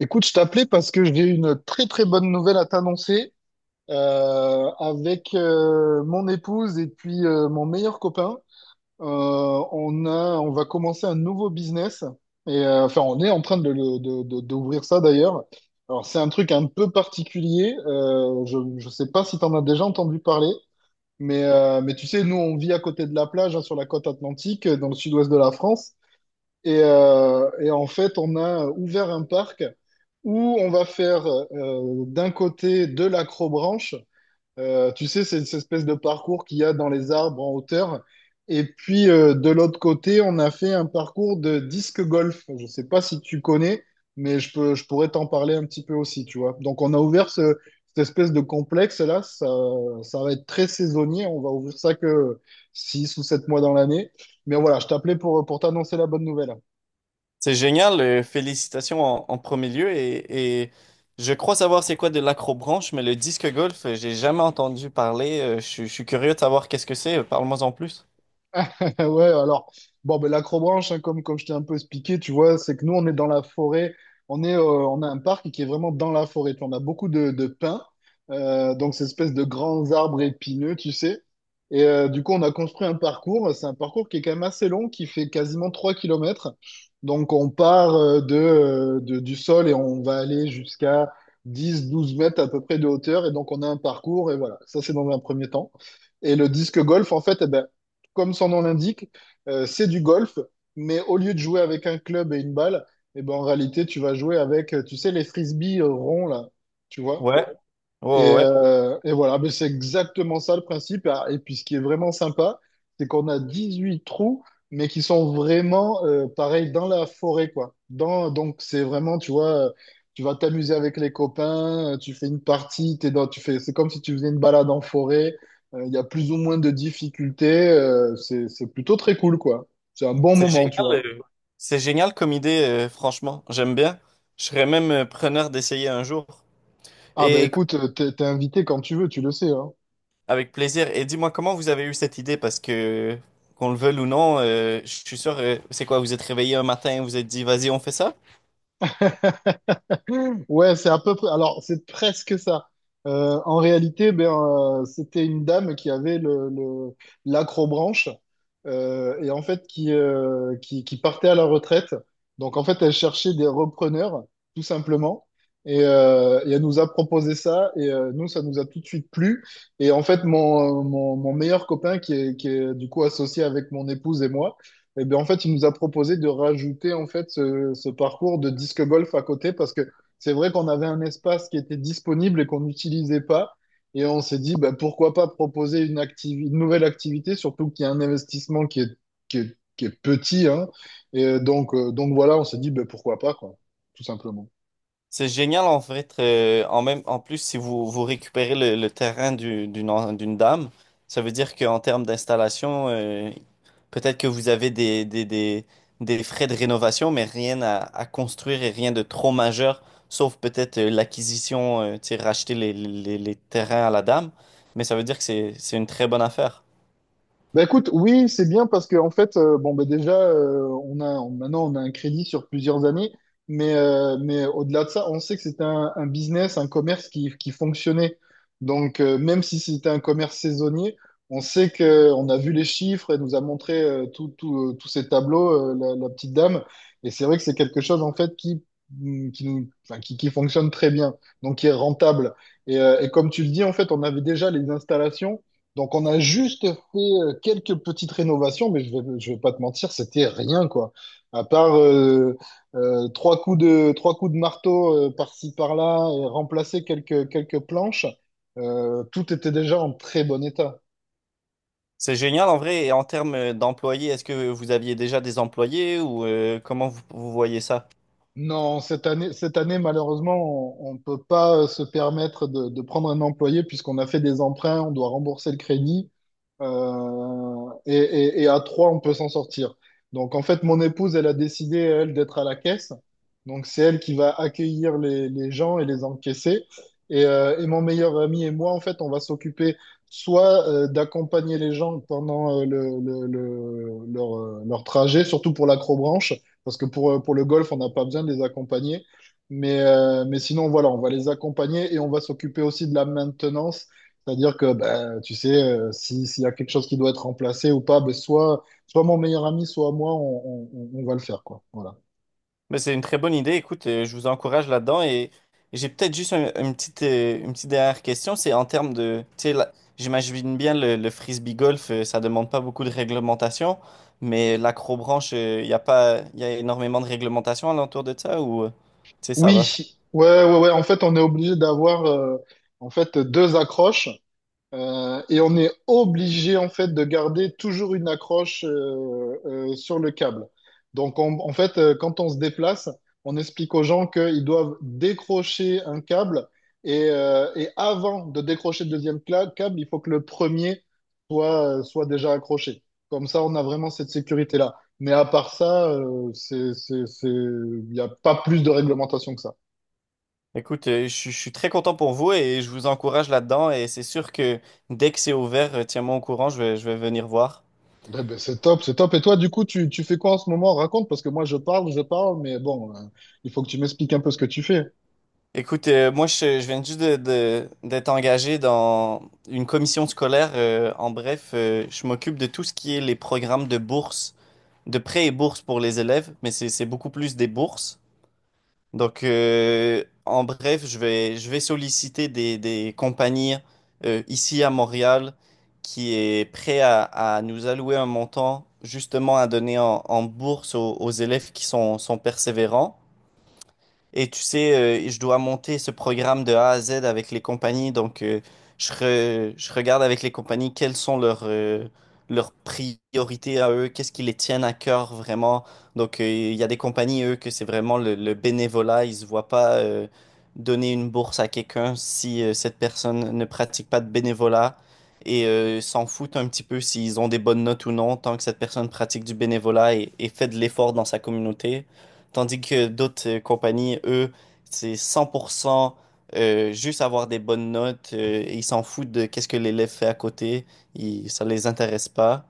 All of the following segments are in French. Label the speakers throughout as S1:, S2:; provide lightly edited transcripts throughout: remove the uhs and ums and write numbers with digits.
S1: Écoute, je t'appelais parce que j'ai une très très bonne nouvelle à t'annoncer. Avec mon épouse et puis mon meilleur copain. On va commencer un nouveau business et enfin on est en train de, le- de- d'ouvrir ça d'ailleurs. Alors c'est un truc un peu particulier. Je sais pas si t'en as déjà entendu parler, mais tu sais, nous on vit à côté de la plage, hein, sur la côte atlantique, dans le sud-ouest de la France. Et en fait, on a ouvert un parc où on va faire d'un côté de l'acrobranche. Tu sais, c'est cette espèce de parcours qu'il y a dans les arbres en hauteur. Et puis de l'autre côté, on a fait un parcours de disque golf. Je ne sais pas si tu connais, mais je pourrais t'en parler un petit peu aussi, tu vois. Donc on a ouvert cette espèce de complexe-là. Ça va être très saisonnier. On va ouvrir ça que 6 ou 7 mois dans l'année. Mais voilà, je t'appelais pour t'annoncer la bonne nouvelle.
S2: C'est génial, félicitations en premier lieu et je crois savoir c'est quoi de l'acrobranche, mais le disque golf, j'ai jamais entendu parler. Je suis curieux de savoir qu'est-ce que c'est. Parle-moi en plus.
S1: Ouais, alors, bon, ben, l'acrobranche, hein, comme je t'ai un peu expliqué, tu vois, c'est que nous, on est dans la forêt, on a un parc qui est vraiment dans la forêt. Tu vois, on a beaucoup de pins, donc ces espèces de grands arbres épineux, tu sais. Et du coup, on a construit un parcours, c'est un parcours qui est quand même assez long, qui fait quasiment 3 kilomètres. Donc, on part du sol et on va aller jusqu'à dix douze mètres à peu près de hauteur. Et donc, on a un parcours, et voilà, ça, c'est dans un premier temps. Et le disque golf, en fait, eh ben, comme son nom l'indique, c'est du golf, mais au lieu de jouer avec un club et une balle, eh ben, en réalité, tu vas jouer avec, tu sais, les frisbees ronds, là, tu vois?
S2: Ouais, ouais, ouais.
S1: Et voilà, mais c'est exactement ça le principe. Ah, et puis ce qui est vraiment sympa, c'est qu'on a 18 trous, mais qui sont vraiment pareils dans la forêt, quoi. Donc c'est vraiment, tu vois, tu vas t'amuser avec les copains, tu fais une partie, tu fais, c'est comme si tu faisais une balade en forêt. Il y a plus ou moins de difficultés. C'est plutôt très cool, quoi. C'est un bon
S2: C'est
S1: moment,
S2: génial,
S1: tu vois.
S2: euh, c'est génial comme idée, franchement. J'aime bien. Je serais même, preneur d'essayer un jour.
S1: Ah ben
S2: Et
S1: écoute, t'es invité quand tu veux, tu le sais, hein.
S2: avec plaisir. Et dis-moi comment vous avez eu cette idée, parce que qu'on le veuille ou non, je suis sûr. C'est quoi? Vous êtes réveillé un matin, vous êtes dit, vas-y, on fait ça?
S1: Ouais, c'est à peu près. Alors, c'est presque ça. En réalité, ben, c'était une dame qui avait l'acrobranche et en fait qui partait à la retraite. Donc, en fait, elle cherchait des repreneurs, tout simplement. Et elle nous a proposé ça. Et nous, ça nous a tout de suite plu. Et en fait, mon meilleur copain, qui est du coup associé avec mon épouse et moi, et ben, en fait, il nous a proposé de rajouter en fait ce parcours de disque golf à côté parce que c'est vrai qu'on avait un espace qui était disponible et qu'on n'utilisait pas. Et on s'est dit, bah, pourquoi pas proposer une nouvelle activité, surtout qu'il y a un investissement qui est petit, hein. Et donc voilà, on s'est dit, bah, pourquoi pas, quoi, tout simplement.
S2: C'est génial en fait. En plus, si vous récupérez le terrain d'une dame, ça veut dire qu'en termes d'installation, peut-être que vous avez des frais de rénovation, mais rien à construire et rien de trop majeur, sauf peut-être, l'acquisition, tu sais, racheter les terrains à la dame. Mais ça veut dire que c'est une très bonne affaire.
S1: Bah écoute, oui, c'est bien parce que en fait, bon bah déjà, maintenant on a un crédit sur plusieurs années, mais au-delà de ça, on sait que c'était un business, un commerce qui fonctionnait. Donc même si c'était un commerce saisonnier, on sait que on a vu les chiffres, elle nous a montré tout tout tous ces tableaux, la petite dame, et c'est vrai que c'est quelque chose en fait qui qui nous qui fonctionne très bien, donc qui est rentable. Et comme tu le dis, en fait, on avait déjà les installations. Donc on a juste fait quelques petites rénovations, mais je vais pas te mentir, c'était rien quoi. À part trois coups de marteau par-ci par-là et remplacer quelques planches, tout était déjà en très bon état.
S2: C'est génial en vrai. Et en termes, d'employés, est-ce que vous aviez déjà des employés ou, comment vous vous voyez ça?
S1: Non, cette année malheureusement, on ne peut pas se permettre de prendre un employé puisqu'on a fait des emprunts, on doit rembourser le crédit. Et à trois, on peut s'en sortir. Donc, en fait, mon épouse, elle a décidé, elle, d'être à la caisse. Donc, c'est elle qui va accueillir les gens et les encaisser. Et mon meilleur ami et moi, en fait, on va s'occuper soit d'accompagner les gens pendant leur trajet, surtout pour l'acrobranche, parce que pour le golf, on n'a pas besoin de les accompagner. Mais sinon, voilà, on va les accompagner et on va s'occuper aussi de la maintenance, c'est-à-dire que, ben, tu sais, si, s'il y a quelque chose qui doit être remplacé ou pas, ben, soit mon meilleur ami, soit moi, on va le faire, quoi. Voilà.
S2: Mais c'est une très bonne idée. Écoute, je vous encourage là-dedans et j'ai peut-être juste une petite dernière question. C'est en termes de, tu sais, j'imagine bien le frisbee golf, ça demande pas beaucoup de réglementation, mais l'acrobranche, il y a pas, il y a énormément de réglementation alentour de ça ou, tu sais, ça va.
S1: Oui, ouais. En fait, on est obligé d'avoir, en fait, deux accroches. Et on est obligé en fait de garder toujours une accroche sur le câble. En fait, quand on se déplace, on explique aux gens qu'ils doivent décrocher un câble et avant de décrocher le câble, il faut que le premier soit déjà accroché. Comme ça, on a vraiment cette sécurité-là. Mais à part ça, il n'y a pas plus de réglementation que ça.
S2: Écoute, je suis très content pour vous et je vous encourage là-dedans et c'est sûr que dès que c'est ouvert, tiens-moi au courant, je vais venir voir.
S1: Ben, ben, c'est top, c'est top. Et toi, du coup, tu fais quoi en ce moment? Raconte, parce que moi, je parle, mais bon, il faut que tu m'expliques un peu ce que tu fais.
S2: Écoute, moi, je viens juste d'être engagé dans une commission scolaire. En bref, je m'occupe de tout ce qui est les programmes de bourse, de prêts et bourses pour les élèves, mais c'est beaucoup plus des bourses. Donc, en bref, je vais solliciter des compagnies, ici à Montréal qui est prêt à nous allouer un montant justement à donner en bourse aux élèves qui sont persévérants. Et tu sais, je dois monter ce programme de A à Z avec les compagnies. Donc, je regarde avec les compagnies quelles sont leurs priorités à eux, qu'est-ce qui les tiennent à cœur vraiment. Donc, il y a des compagnies, eux, que c'est vraiment le bénévolat. Ils ne se voient pas, donner une bourse à quelqu'un si, cette personne ne pratique pas de bénévolat. Et, s'en foutent un petit peu s'ils ont des bonnes notes ou non, tant que cette personne pratique du bénévolat et fait de l'effort dans sa communauté. Tandis que d'autres, compagnies, eux, c'est 100%, juste avoir des bonnes notes, et ils s'en foutent de qu'est-ce que l'élève fait à côté. Ça les intéresse pas.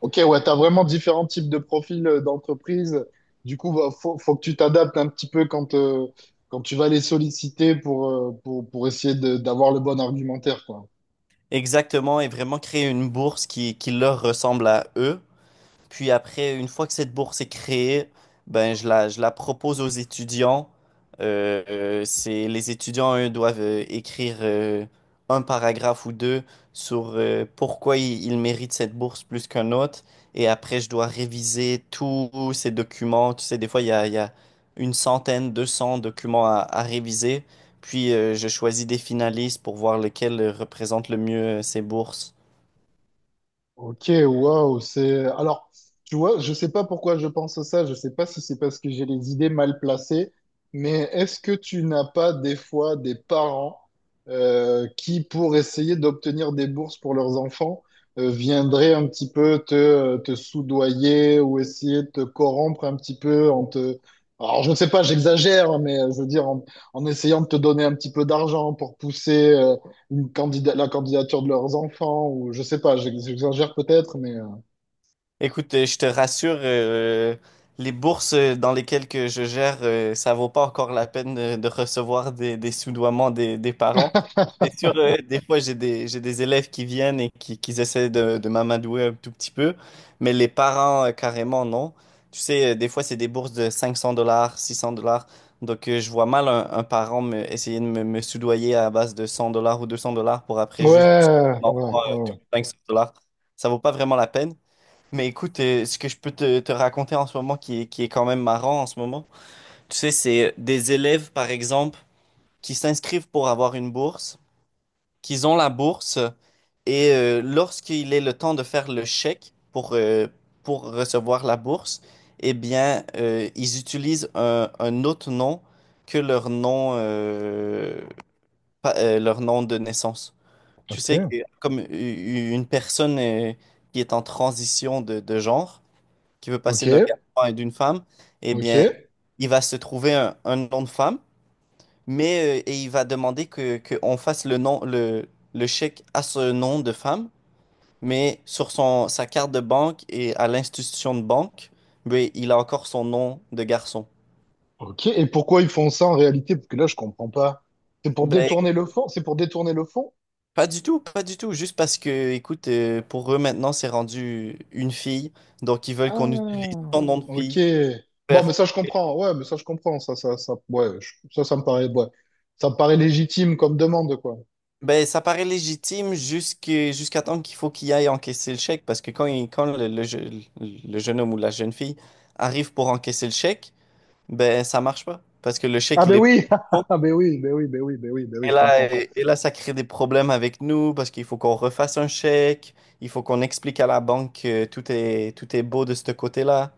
S1: Ok, ouais, tu as vraiment différents types de profils d'entreprise. Du coup, faut que tu t'adaptes un petit peu quand tu vas les solliciter pour essayer d'avoir le bon argumentaire, quoi.
S2: Exactement, et vraiment créer une bourse qui leur ressemble à eux. Puis après, une fois que cette bourse est créée, ben je la propose aux étudiants. Les étudiants, eux, doivent, écrire, un paragraphe ou deux sur, pourquoi ils méritent cette bourse plus qu'un autre. Et après, je dois réviser tous ces documents. Tu sais, des fois, il y a une centaine, 200 documents à réviser. Puis, je choisis des finalistes pour voir lequel, représente le mieux, ces bourses.
S1: Ok, waouh, c'est... Alors, tu vois, je sais pas pourquoi je pense à ça, je sais pas si c'est parce que j'ai les idées mal placées, mais est-ce que tu n'as pas des fois des parents qui, pour essayer d'obtenir des bourses pour leurs enfants, viendraient un petit peu te soudoyer ou essayer de te corrompre un petit peu en te... Alors, je ne sais pas, j'exagère, mais je veux dire, en essayant de te donner un petit peu d'argent pour pousser... la candidature de leurs enfants, ou je sais pas, j'exagère peut-être, mais...
S2: Écoute, je te rassure, les bourses, dans lesquelles que je gère, ça vaut pas encore la peine de recevoir des soudoiements des parents. C'est sûr, des fois, j'ai des élèves qui viennent et qui essaient de m'amadouer un tout petit peu, mais les parents, carrément, non. Tu sais, des fois, c'est des bourses de 500 dollars, 600 dollars. Donc, je vois mal un parent, essayer me soudoyer à base de 100 $ ou 200 $ pour après juste un enfant, de
S1: Ouais.
S2: 500 dollars. Ça vaut pas vraiment la peine. Mais écoute, ce que je peux te raconter en ce moment qui est quand même marrant en ce moment, tu sais, c'est, des élèves, par exemple, qui s'inscrivent pour avoir une bourse, qu'ils ont la bourse, et, lorsqu'il est le temps de faire le chèque pour recevoir la bourse, eh bien, ils utilisent un autre nom que leur nom, leur nom de naissance. Tu
S1: Ok,
S2: sais, que comme une personne, qui est en transition de genre, qui veut
S1: ok,
S2: passer d'un garçon et d'une femme, eh
S1: ok,
S2: bien, il va se trouver un nom de femme, et il va demander qu'on fasse le chèque à ce nom de femme, mais sur sa carte de banque et à l'institution de banque, ben, il a encore son nom de garçon.
S1: ok. Et pourquoi ils font ça en réalité? Parce que là, je comprends pas. C'est pour
S2: Ben,
S1: détourner le fond? C'est pour détourner le fond?
S2: pas du tout, pas du tout, juste parce que, écoute, pour eux maintenant, c'est rendu une fille, donc ils veulent qu'on utilise
S1: Ah,
S2: son nom de
S1: ok.
S2: fille. Pour
S1: Bon, mais
S2: faire.
S1: ça, je comprends. Ouais, mais ça, je comprends. Ouais, ça, ça me paraît, ouais. Ça me paraît légitime comme demande, quoi.
S2: Ben, ça paraît légitime jusqu'à temps qu'il faut qu'il aille encaisser le chèque parce que quand le jeune homme ou la jeune fille arrive pour encaisser le chèque, ben ça marche pas parce que le chèque
S1: Ah,
S2: il
S1: ben
S2: est pas
S1: oui!
S2: bon,
S1: Ah, ben oui,
S2: et
S1: je
S2: là
S1: comprends.
S2: et, et là ça crée des problèmes avec nous parce qu'il faut qu'on refasse un chèque, il faut qu'on explique à la banque que tout est beau de ce côté-là.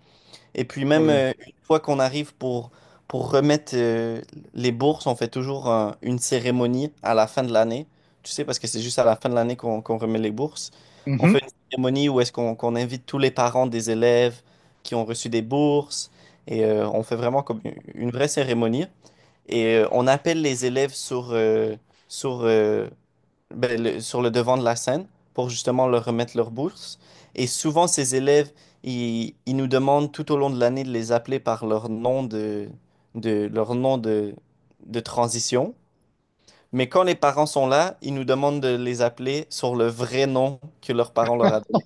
S2: Et puis même,
S1: Ouais.
S2: une fois qu'on arrive pour remettre, les bourses, on fait toujours une cérémonie à la fin de l'année. Tu sais, parce que c'est juste à la fin de l'année qu'on remet les bourses. On fait
S1: Mhm.
S2: une cérémonie où est-ce qu'on invite tous les parents des élèves qui ont reçu des bourses. Et, on fait vraiment comme une vraie cérémonie. Et, on appelle les élèves sur, euh, sur le devant de la scène pour justement leur remettre leur bourse. Et souvent, ces élèves, ils nous demandent tout au long de l'année de les appeler par leur nom de transition. Mais quand les parents sont là, ils nous demandent de les appeler sur le vrai nom que leurs parents leur a donné.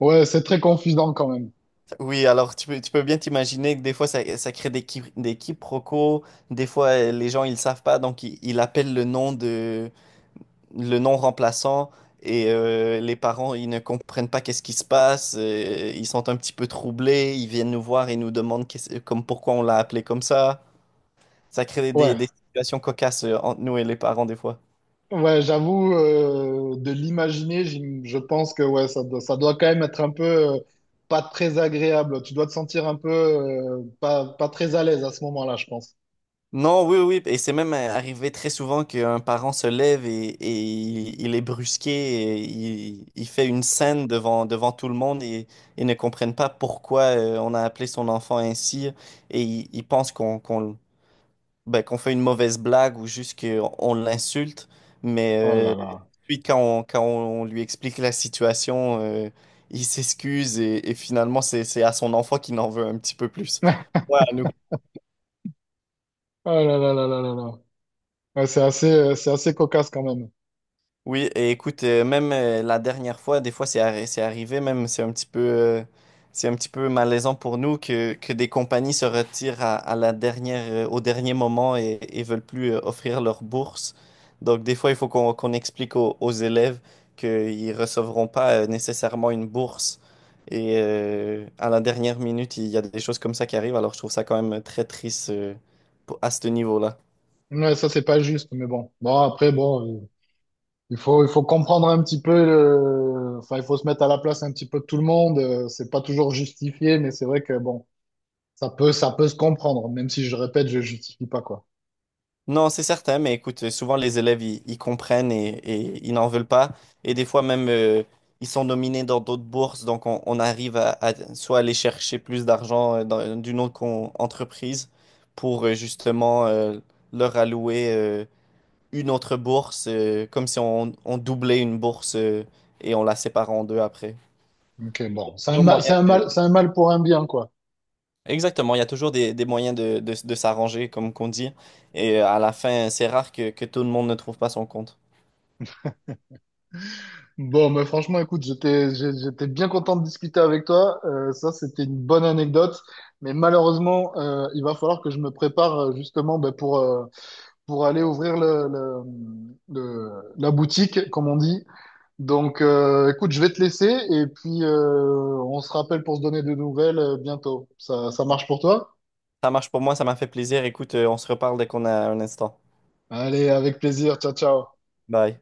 S1: Ouais, c'est très confusant quand même.
S2: Oui, alors tu peux bien t'imaginer que des fois, ça crée des quiproquos. Des fois, les gens, ils savent pas, donc ils appellent le non remplaçant, et, les parents, ils ne comprennent pas qu'est-ce qui se passe, ils sont un petit peu troublés, ils viennent nous voir et nous demandent comme pourquoi on l'a appelé comme ça. Ça crée
S1: Ouais.
S2: des situations cocasses, entre nous et les parents des fois.
S1: Ouais, j'avoue, de l'imaginer, je pense que ouais, ça doit quand même être un peu pas très agréable. Tu dois te sentir un peu pas très à l'aise à ce moment-là, je pense.
S2: Non, oui, oui, et c'est même, arrivé très souvent qu'un parent se lève et il est brusqué, il fait une scène devant tout le monde et ne comprennent pas pourquoi, on a appelé son enfant ainsi et ils pensent ben, qu'on fait une mauvaise blague ou juste qu'on l'insulte,
S1: Oh
S2: mais
S1: là
S2: euh,
S1: là.
S2: puis quand on lui explique la situation, il s'excuse et finalement c'est à son enfant qu'il en veut un petit peu plus. Ouais, à nous.
S1: Oh là là là là là là. Ouais, c'est assez cocasse quand même.
S2: Oui, et écoute, même la dernière fois, des fois c'est arrivé, même c'est un petit peu malaisant pour nous que des compagnies se retirent à la dernière, au dernier moment et veulent plus, offrir leur bourse. Donc des fois, il faut qu'on explique aux élèves qu'ils recevront pas, nécessairement une bourse. Et, à la dernière minute, il y a des choses comme ça qui arrivent. Alors je trouve ça quand même très triste, à ce niveau-là.
S1: Ouais, ça, c'est pas juste, mais bon. Bon, après, bon, il faut comprendre un petit peu le... Enfin, il faut se mettre à la place un petit peu de tout le monde. C'est pas toujours justifié, mais c'est vrai que, bon. Ça peut se comprendre, même si je répète, je justifie pas, quoi.
S2: Non, c'est certain, mais écoute, souvent les élèves, ils comprennent et ils n'en veulent pas. Et des fois même, ils sont nominés dans d'autres bourses, donc on arrive à soit aller chercher plus d'argent, d'une autre entreprise pour, justement, leur allouer, une autre bourse, comme si on doublait une bourse, et on la sépare en deux après.
S1: Ok, bon,
S2: Toujours moyen de.
S1: c'est un mal pour un bien, quoi.
S2: Exactement, il y a toujours des moyens de s'arranger, comme qu'on dit. Et, à la fin, c'est rare que tout le monde ne trouve pas son compte.
S1: Bon, mais franchement, écoute, j'étais bien content de discuter avec toi. Ça, c'était une bonne anecdote, mais malheureusement, il va falloir que je me prépare justement ben, pour aller ouvrir le- la boutique, comme on dit. Donc, écoute, je vais te laisser et puis on se rappelle pour se donner de nouvelles bientôt. Ça marche pour toi?
S2: Ça marche pour moi, ça m'a fait plaisir. Écoute, on se reparle dès qu'on a un instant.
S1: Allez, avec plaisir. Ciao, ciao.
S2: Bye.